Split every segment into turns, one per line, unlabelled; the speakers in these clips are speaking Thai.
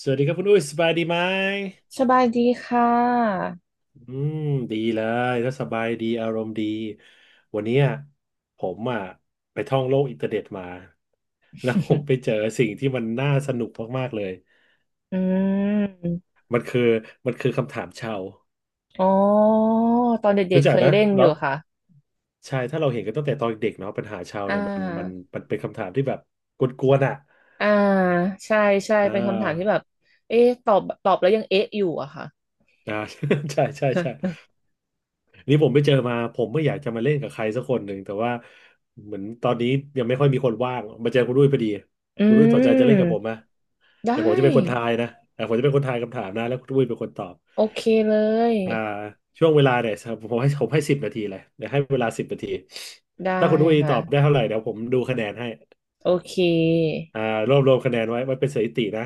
สวัสดีครับคุณอุ้ยสบายดีไหม
สบายดีค่ะ
อืมดีเลยถ้าสบายดีอารมณ์ดีวันเนี้ยผมอ่ะไปท่องโลกอินเทอร์เน็ตมาแล้วผมไปเจอ สิ่งที่มันน่าสนุกมากๆเลย
อืม
มันคือมันคือคำถามชาว
อ๋อ ตอนเด็
รู้
กๆ
จั
เค
ก
ย
นะ
เล่นอ
แล้ว
ยู่ค่ะ
ใช่ถ้าเราเห็นกันตั้งแต่ตอนเด็กเนาะปัญหาชาว
อ่
เนี่ยมันมัน
า
มันเป็นคำถามที่แบบกวนๆอ่ะ
อ่าใช่ใช่
อ่า
เป็นคำถามที่แบบเอ๊ะตอบแล้วยังเอ๊ะอยู่อะค่ะ
อ่า ใช่ใช่ใช่ นี่ผมไปเจอมาผมไม่อยากจะมาเล่นกับใครสักคนหนึ่งแต่ว่าเหมือนตอนนี้ยังไม่ค่อยมีคนว่างมาเจอคุณด้วยพอดี
อื
คุณด้วยสนใจจะเล่นกับผมไหม
มได้
เดี๋ยวผมจะเป็นคนทายนะแต่ผมจะเป็นคนทายคำถามนะแล้วคุณด้วยเป็นคนตอบ
โอเคเลย
อ่าช่วงเวลาเนี่ยผมให้สิบนาทีเลยเดี๋ยวให้เวลาสิบนาที
ได้
ถ้าคุณด้วยต
ค่ะ
อบได้เท่าไหร่เดี๋ยวผมดูคะแนนให้
โอเค
อ่ารวบรวมคะแนนไว้ไว้เป็นสถิตินะ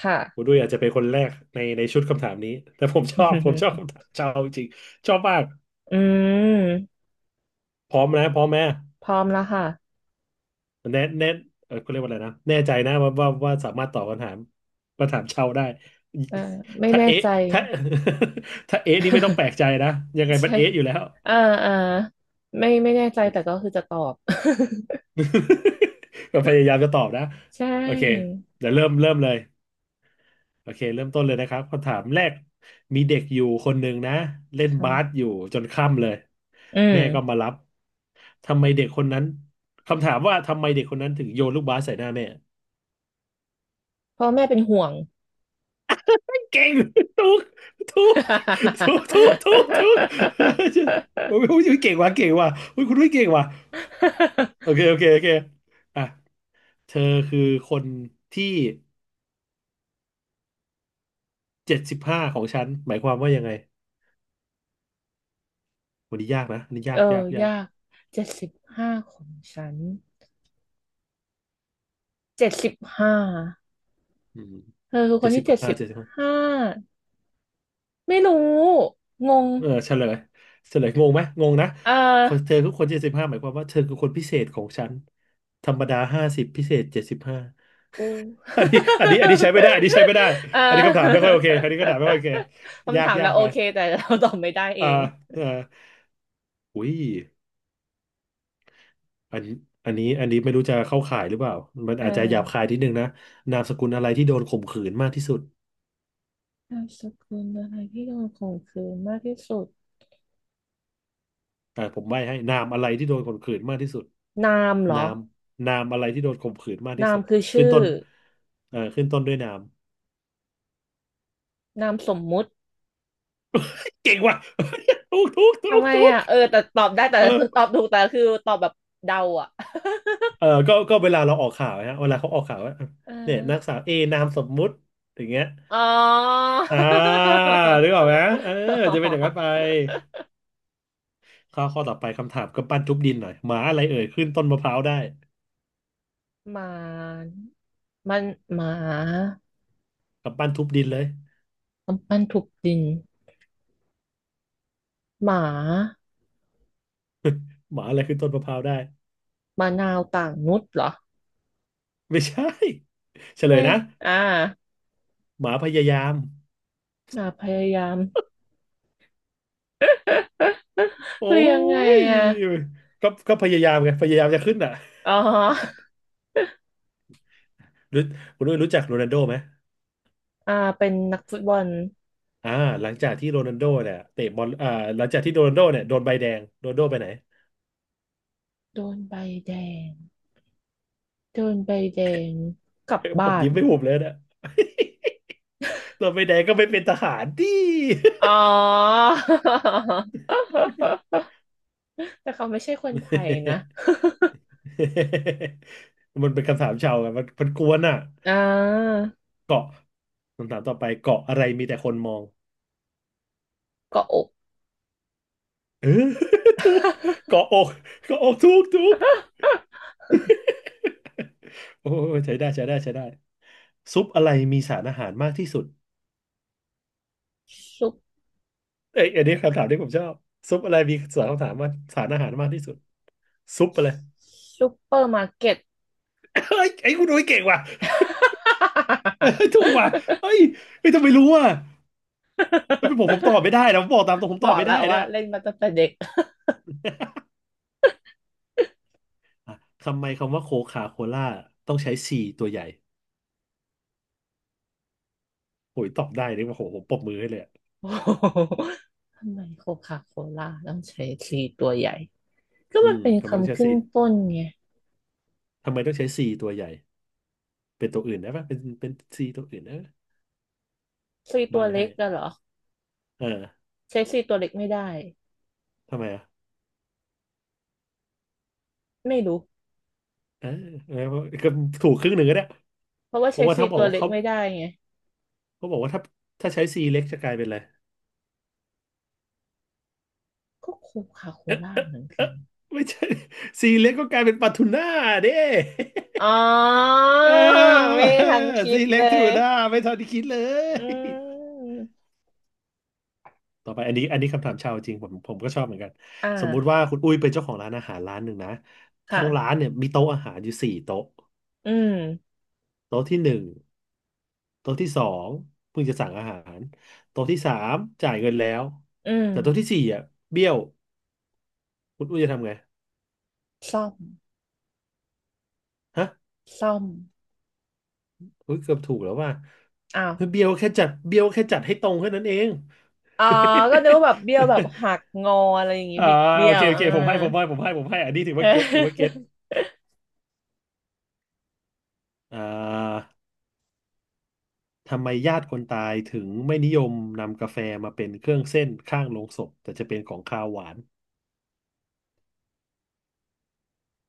ค่ะ
คุณด้วยอาจจะเป็นคนแรกในชุดคำถามนี้แต่ผมชอบคำ ถามชาวจริงชอบมาก
อืม
พร้อมนะพร้อมไหม
พร้อมแล้วค่ะ
แน่แน่เออเขาเรียกว่าอะไรนะแน่ใจนะว่าสามารถตอบคำถามชาวได้
เอ่อไม่
ถ้า
แน่
เอ๊ะ
ใจ
ถ้า ถ้าเอ๊ะนี่ไม่ต้องแปลกใจนะยังไง มัน
ใช่
เอ๊ะอยู่แล้ว
อ่าอ่าไม่แน่ใจแต่ก็คือจะตอบ
ก็พยายามจะตอบนะ
ใช
โอเค
่
เดี๋ยวเริ่มเลยโอเคเริ่มต้นเลยนะครับคำถามแรกมีเด็กอยู่คนหนึ่งนะเล่นบาส
ค่ะ
อยู่จนค่ำเลย
อืม
แม่ก็มารับทำไมเด็กคนนั้นคำถามว่าทำไมเด็กคนนั้นถึงโยนลูกบาสใส่หน้าแม่
พ่อแม่เป็นห่วง
เก่งถูกถูกถู กถูกถูกถูก โอ้ยโอ้ยเก่งว่ะเก่งว่ะอุ๊ยคุณด้วยเก่งว่ะโอเคโอเคโอเคอ่ะเธอคือคนที่เจ็ดสิบห้าของฉันหมายความว่ายังไงวันนี้ยากนะอันนี้ยา
เอ
กยาก
อ
ยา
ยา
ก
ก75ของฉันเจ็ดสิบห้า
อืม
เธอคือค
เจ็
น
ดสิ
ที่
บ
เจ็ด
ห้า
สิบ
เจ็ดสิบห้า
ห้าไม่รู้งง
เออเฉลยเฉลยงงไหมงงนะ
อ่
คนเธอ
า
คือคนเจ็ดสิบห้าหมายความว่าเธอคือคนพิเศษของฉันธรรมดา50พิเศษเจ็ดสิบห้า
กู
อันนี้อันนี้อันนี้ใช้ไม่ได้อันนี้ใช้ไม่ได้
อ่
อันนี้คำถามไม่
า
ค่อยโอเคอันนี้คำถามไม่ค่อยโอเคยา
คำ
ก
ถาม
ยา
แล้
ก
วโอ
ไป
เคแต่เราตอบไม่ได้เอ
อ่า
ง
อ่าอุ้ยอันนี้อันนี้อันนี้ไม่รู้จะเข้าข่ายหรือเปล่ามัน
เอ
อาจจะหยาบคา
อ
ยนิดนึงนะนามสกุลอะไรที่โดนข่มขืนมากที่สุด
นามสกุลอะไรที่โดนข่มขืนมากที่สุด
อ่าผมใบ้ให้นามอะไรที่โดนข่มขืนมากที่สุด
นามเหร
นา
อ
มนามอะไรที่โดนข่มขืนมากที่
นา
สุ
ม
ด
คือ
ขึ้น
ชื่อ
ต้นขึ้นต้นด้วยนาม
นามสมมุติ
เก่งว่ะ ถูกถูกถู
ทำ
ก
ไม
ถูก
อ่ะเออแต่ตอบได้แต่
เออ
ตอบถูกแต่คือตอบแบบเดาอ่ะ
เออก็เวลาเราออกข่าวนะเวลาเขาออกข่าวว่า
เออ
เนี่ยนักสาวเอนามสมมุติอย่างเงี้ย
อ๋อ
อ่านึกออกไหมเออจะเป็นอย่างนั้นไป ข้อต่อไปคำถามกำปั้นทุบดินหน่อยหมาอะไรเอ่ยขึ้นต้นมะพร้าวได้
หมามันหมา
กำปั้นทุบดินเลย
กำปั้นทุบดินหมา
หมาอะไรขึ้นต้นมะพร้าวได้
มานาวต่างนุชเหรอ
ไม่ใช่เฉลย
ไม่
นะ
อ่า
หมาพยายาม
หนาพยายาม
โอ้
คือยังไงอ่ะ
ยก็ก็พยายามไงพยายามจะขึ้นอ่ะ
อ๋อ
รู้คุณนุ้ยรู้จักโรนัลโดไหม
อ่าเป็นนักฟุตบอล
อ่าหลังจากที่โรนัลโดเนี่ยเตะบอลอ่าหลังจากที่โรนัลโดเนี่ยโดนใบแดงโรนัลโดไปไหน
โดนใบแดง โดนใบแดงกลับ
ผ
บ้า
ม
น
ยิ้มไม่หุบเลยนะ เราไป ไหนก็ไม่เป็นทหารดิ
อ๋อ แต่เขาไม่ใช่คนไทยนะ
มันเป็นคำถามชาวไงมันมันกวนอ่ะ
อ่า
เกาะคำถามต่อไปเกาะอะไรมีแต่คนมอง
เกาะอก
เออ ถูกเกาะอกเกาะอกถูกถูก โอ้ยใช้ได้ใช้ได้ใช้ได้ซุปอะไรมีสารอาหารมากที่สุด
ซุป
เอ้ยอันนี้คำถามที่ผมชอบซุปอะไรมีสารคำถามว่าสารอาหารมากที่สุด ซุปอะไร
ซุปเปอร์มาร์เก็ต
เอ้ยไอ้คุณโอ้ยเก่งว่ะ เอ้ยถูกว่ะเอ้ยไอ่ต้องไปรู้อ่ะ ไม่เป็นผมผมตอบไม่ได้นะผมบอกตามตรงผม
บ
ตอ
อ
บ
ก
ไม่
แล้
ได้
วว่า
นะ
เล่นมาตั้งแต่เด็ก
อ่ะทำไมคำว่าโคคาโคล่าต้องใช้ซีตัวใหญ่โอ้ยตอบได้เลยว่าโหผมปรบมือให้เลยอะ
โอ้โหทำไมโคคาโคล่าต้องใช้ซีตัวใหญ่ ก็
อื
มัน
ม
เป็น
ทำไมต้อง
คำ
ใช้
ขึ้
ซี
นต้นไง
ทำไมต้องใช้ซีตัวใหญ่ เป็นตัวอื่นได้ปะเป็นซีตัวอื่นนะ
ซี
ใบ
ตัวเล็
ให้
กอะเหรอ
เออ
ใช้ซีตัวเล็กไม่ได้
ทำไมอ่ะ
ไม่รู้
เออเออก็ถูกครึ่งหนึ่งก็ได้
เพราะว่า
เพ
เช
ราะ
ล
ว่า
ซี
ถ้าบอก
ตัว
ว่า
เล็ก
เขา
ไม่ได้ไง
เขาบอกว่าถ้าถ้าใช้ซีเล็กจะกลายเป็นอะไร
ก็โคคาโคล่าเหมือน
เออ
กัน
ไม่ใช่ซีเล็กก็กลายเป็นปลาทูน่าเด้
อ๋อ
เออ
ไม่ทันคิ
ซี
ด
เล็
เล
กถู
ย
กหน่าไม่ทันที่คิดเล
อื
ย
ม
ต่อไปอันนี้คำถามชาวจริงผมก็ชอบเหมือนกัน
อ่
สมมุติว่า
า
คุณอุ้ยเป็นเจ้าของร้านอาหารร้านหนึ่งนะทั้งร้า
ค่ะ
นเนี่ยมีโต๊ะอาหารอยู่สี่โต๊ะ
อืม
โต๊ะที่หนึ่งโต๊ะที่สองเพิ่งจะสั่งอาหารโต๊ะที่สามจ่ายเงินแล้ว
อืม
แต่โต๊ะที่สี่อ่ะเบี้ยวคุณอุ้ยจะทำไง
ซ่อม
ฮะ
ซ่อม
อุ้ยเกือบถูกแล้วว่า
อ้าว
เบี้ยวแค่จัดให้ตรงแค่นั้นเอง
อ๋อก็นึกว่าแบบเบี้ยวแบบหัก งออะไรอย่างงี้
อ่า
บิด
โอ
เบี้ย
เค
ว
โอ
อ่า
เคผมให้อันนี้ถือ
เ
ว่าเก็ต
ออ
อ่า ทำไมญาติคนตายถึงไม่นิยมนำกาแฟมาเป็นเครื่องเส้นข้างโลงศพแต่จะเป็นของคาวหวาน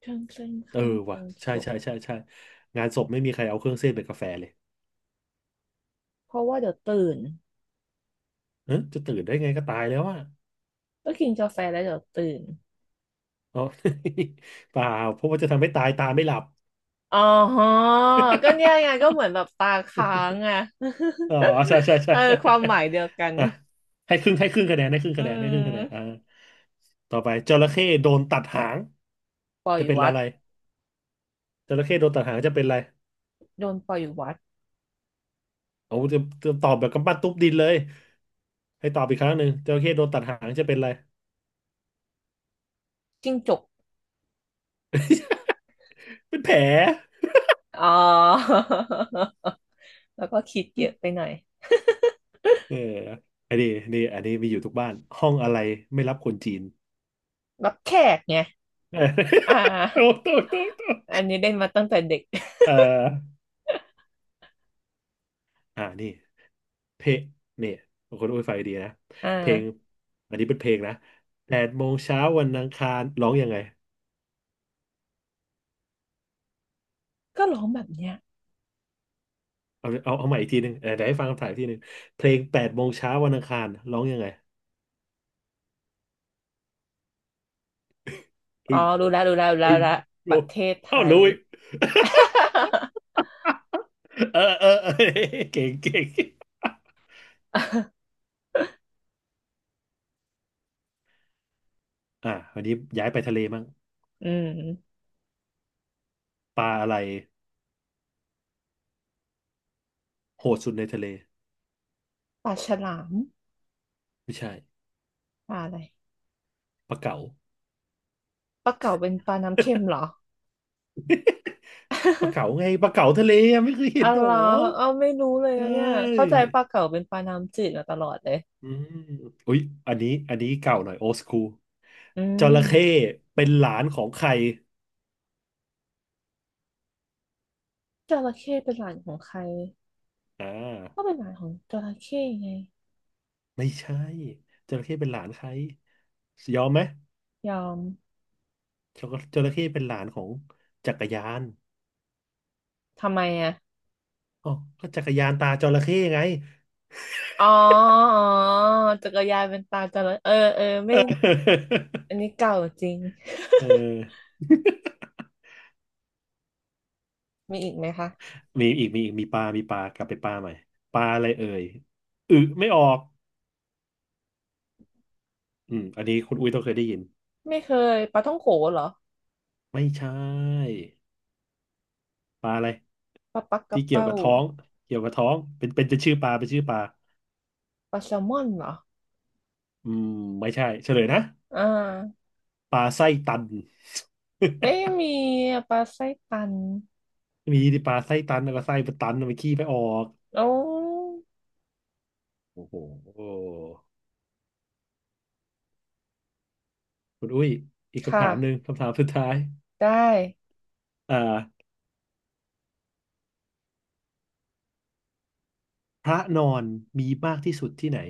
ข้างเส้น
เออ
ข้างล
ว่ะ
งศพ
ใช่งานศพไม่มีใครเอาเครื่องเส้นเป็นกาแฟเลย
เพราะว่าเดี๋ยวตื่น
เออจะตื่นได้ไงก็ตายแล้วอ่ะ
ก็กินกาแฟแล้วเดี๋ยวตื่น
อ๋อ เปล่าเพราะว่าจะทำให้ตายตาไม่หลับ
อ๋อก็เนี่ยไงก็เหมือนแบบตาค้างอ่ะ
อ๋อ
เออ
ใช่
ความหมายเดียวกัน
อ่ะให้ครึ่งให้ครึ่งคะแนนให้ครึ่ง
อื
คะแนนให้ครึ่งคะแนนอ่า
ม
ต่อไปจระเข้โดนตัดหาง
ปล่อย
จะเป็น
วั
อะ
ด
ไรจระเข้โดนตัดหางจะเป็นอะไร
โดนปล่อยวัด
โอ้จะตอบแบบกำปั้นทุบดินเลย ให้ตอบอีกครั้งหนึ่งจระเข้โดนตัดหางจะเป็นอะไร
จิ้งจก
เป็นแผล
อ๋อ แล้วก็คิดเยอะไปหน่อย
เอออันนี้มีอยู่ทุกบ้านห้องอะไรไม่รับคนจีน
รับแขกไง อ่า
เออโตโตโตโต
อันนี้เล่นมาตั้งแต่เด็ก
เอออ่านี่เพลงเนี่ยคนอุ้ยไฟดีนะ
อ่
เพลง
า
อันนี้เป็นเพลงนะแปดโมงเช้าวันอังคารร้องยังไง
ก็ร้องแบบเนี้ย
เอาใหม่อีกทีหนึ่งเออเดี๋ยวให้ฟังคำถ่ายอีกทีหนึ่งเพลงแปดโมงเช้าวันอังคารร้องยังไง
อ๋อ
อึ้ง
รู้แล้ว
อึ้ง
รู้ละป
โอ้
ระเทศไท
เอ้า
ย
รู้อีก เออเก่งเก่ง อ่าวันนี้ย้ายไปทะเลมั่ง
อืม
ปลาอะไรโหดสุดในทะเล
ปลาฉลาม
ไม่ใช่
ปลาอะไร
ปลาเก๋า
ปลาเก๋าเป็นปลาน้ำเค็มเหรอ
ปลาเก๋า ไงปลาเก๋าทะเลอะไม่เคยเห็
อ๋อ
นหร
เหร
อ
อเออไม่รู้เลย
เอ้
นะเนี่ย
ย
เข้าใจปลาเก๋าเป็นปลาน้ำจืดมาตลอดเลย
อืมอุ๊ยอันนี้เก่าหน่อยโอ h คูล
อื
จระเข้
ม
เป็นหลานของใคร
จระเข้เป็นหลานของใคร
อ่
ก็เป็
า
นหลานของจระเข้ไง
ไม่ใช่จระเข้เป็นหลานใครยอมไหม
ยอม
จระเป็นหลานของจักรยาน
ทำไมอ่ะ
อ๋อก็จักรยานตาจระเข้ไง
อ๋ออ๋อจักรยานเป็นตาจระเออเออ
เอ
ไม่
อ
อันนี้ เก่าจริง
เออ
มีอีกไหมคะ
มีอีกมีปลากลับไปปลาใหม่ปลาอะไรเอ่ยอึไม่ออกอืมอันนี้คุณอุ้ยต้องเคยได้ยิน
ไม่เคยปลาท่องโขเหรอ
ไม่ใช่ปลาอะไร
ปลาปักก
ที่
ระ
เกี่ยว
เป้า
กับท้องเกี่ยวกับท้องเป็นจะชื่อปลาเป็นชื่อปลา
ปลาแซลมอนเหรอ
อืมไม่ใช่เฉลยนะ
อ่า
ปลาไส้ตัน
ไม่มีอะปลาไส้ตัน
มีดิปลาไส้ตันแล้วก็ไส้มันตันมันขี้ไปออก
โอ้
โอ้โหคุณอุ้ยอีกคำถา
ค่ะ
มหนึ่งคำถามสุดท้าย
ได้
อ่าพระนอนมีมากที่สุดที่ไหน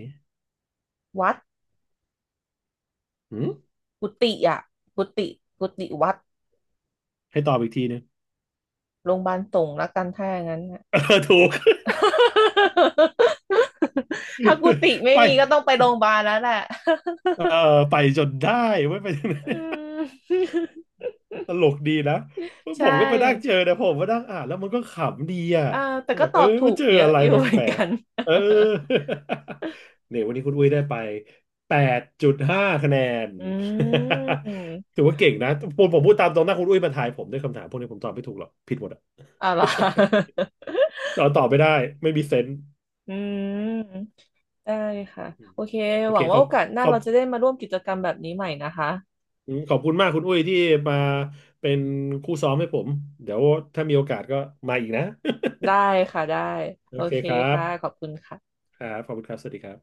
วัด
หืม
กุฏิอ่ะ กุฏิกุฏิวัด
ให้ตอบอีกทีหนึง
โรงพยาบาลสงฆ์ละกันถ้าอย่างนั้นน่ะ
เออถูก
ถ้ากุฏิ ไม่
ไป
มีก็ต้องไปโรงพยาบาลแล้วแหละ
เออไปจนได้ไม่ไป
อืม
ตลกดีนะ
ใช
ผมก็ไปนั่งเจอ
่
นะผมก็นั่งอ่านแล้วมันก็ขำดีอ่ะ
อ่าแต่
แบ
ก็
บ
ต
เอ
อ
อ
บถู
มัน
ก
เจอ
เย
อะ
อะ
ไร
อยู่
แป
เหมือน
ล
กั
ก
น
ๆเออ เนี่ยวันนี้คุณอุ้ยได้ไป8.5คะแนน
อื
ถื
ม
อว่าเก่งนะผมพูดตามตรงหน้าคุณอุ้ยมาทายผมด้วยคำถามพวกนี้ผมตอบไม่ถูกหรอกผิดหมดอ่ะ
อ่ะเหรอ
ตอบไม่ได้ไม่มีเซนส์
อืมได้ค่ะ
อืม
โอเค
โอ
หวั
เค
ง
ข
ว่า
อ
โอ
บ
กาสห
ข
น้า
อ
เรา
บ
จะได้มาร่วมกิจกรรมแบบนี้ใหม่นะคะ
อืมขอบคุณมากคุณอุ้ยที่มาเป็นคู่ซ้อมให้ผมเดี๋ยวถ้ามีโอกาสก็มาอีกนะ
ได้ค่ะ ได้
โอ
โอ
เค
เค
ครับ
ค่ะ ขอบคุณค่ะ
ครับขอบคุณครับสวัสดีครับ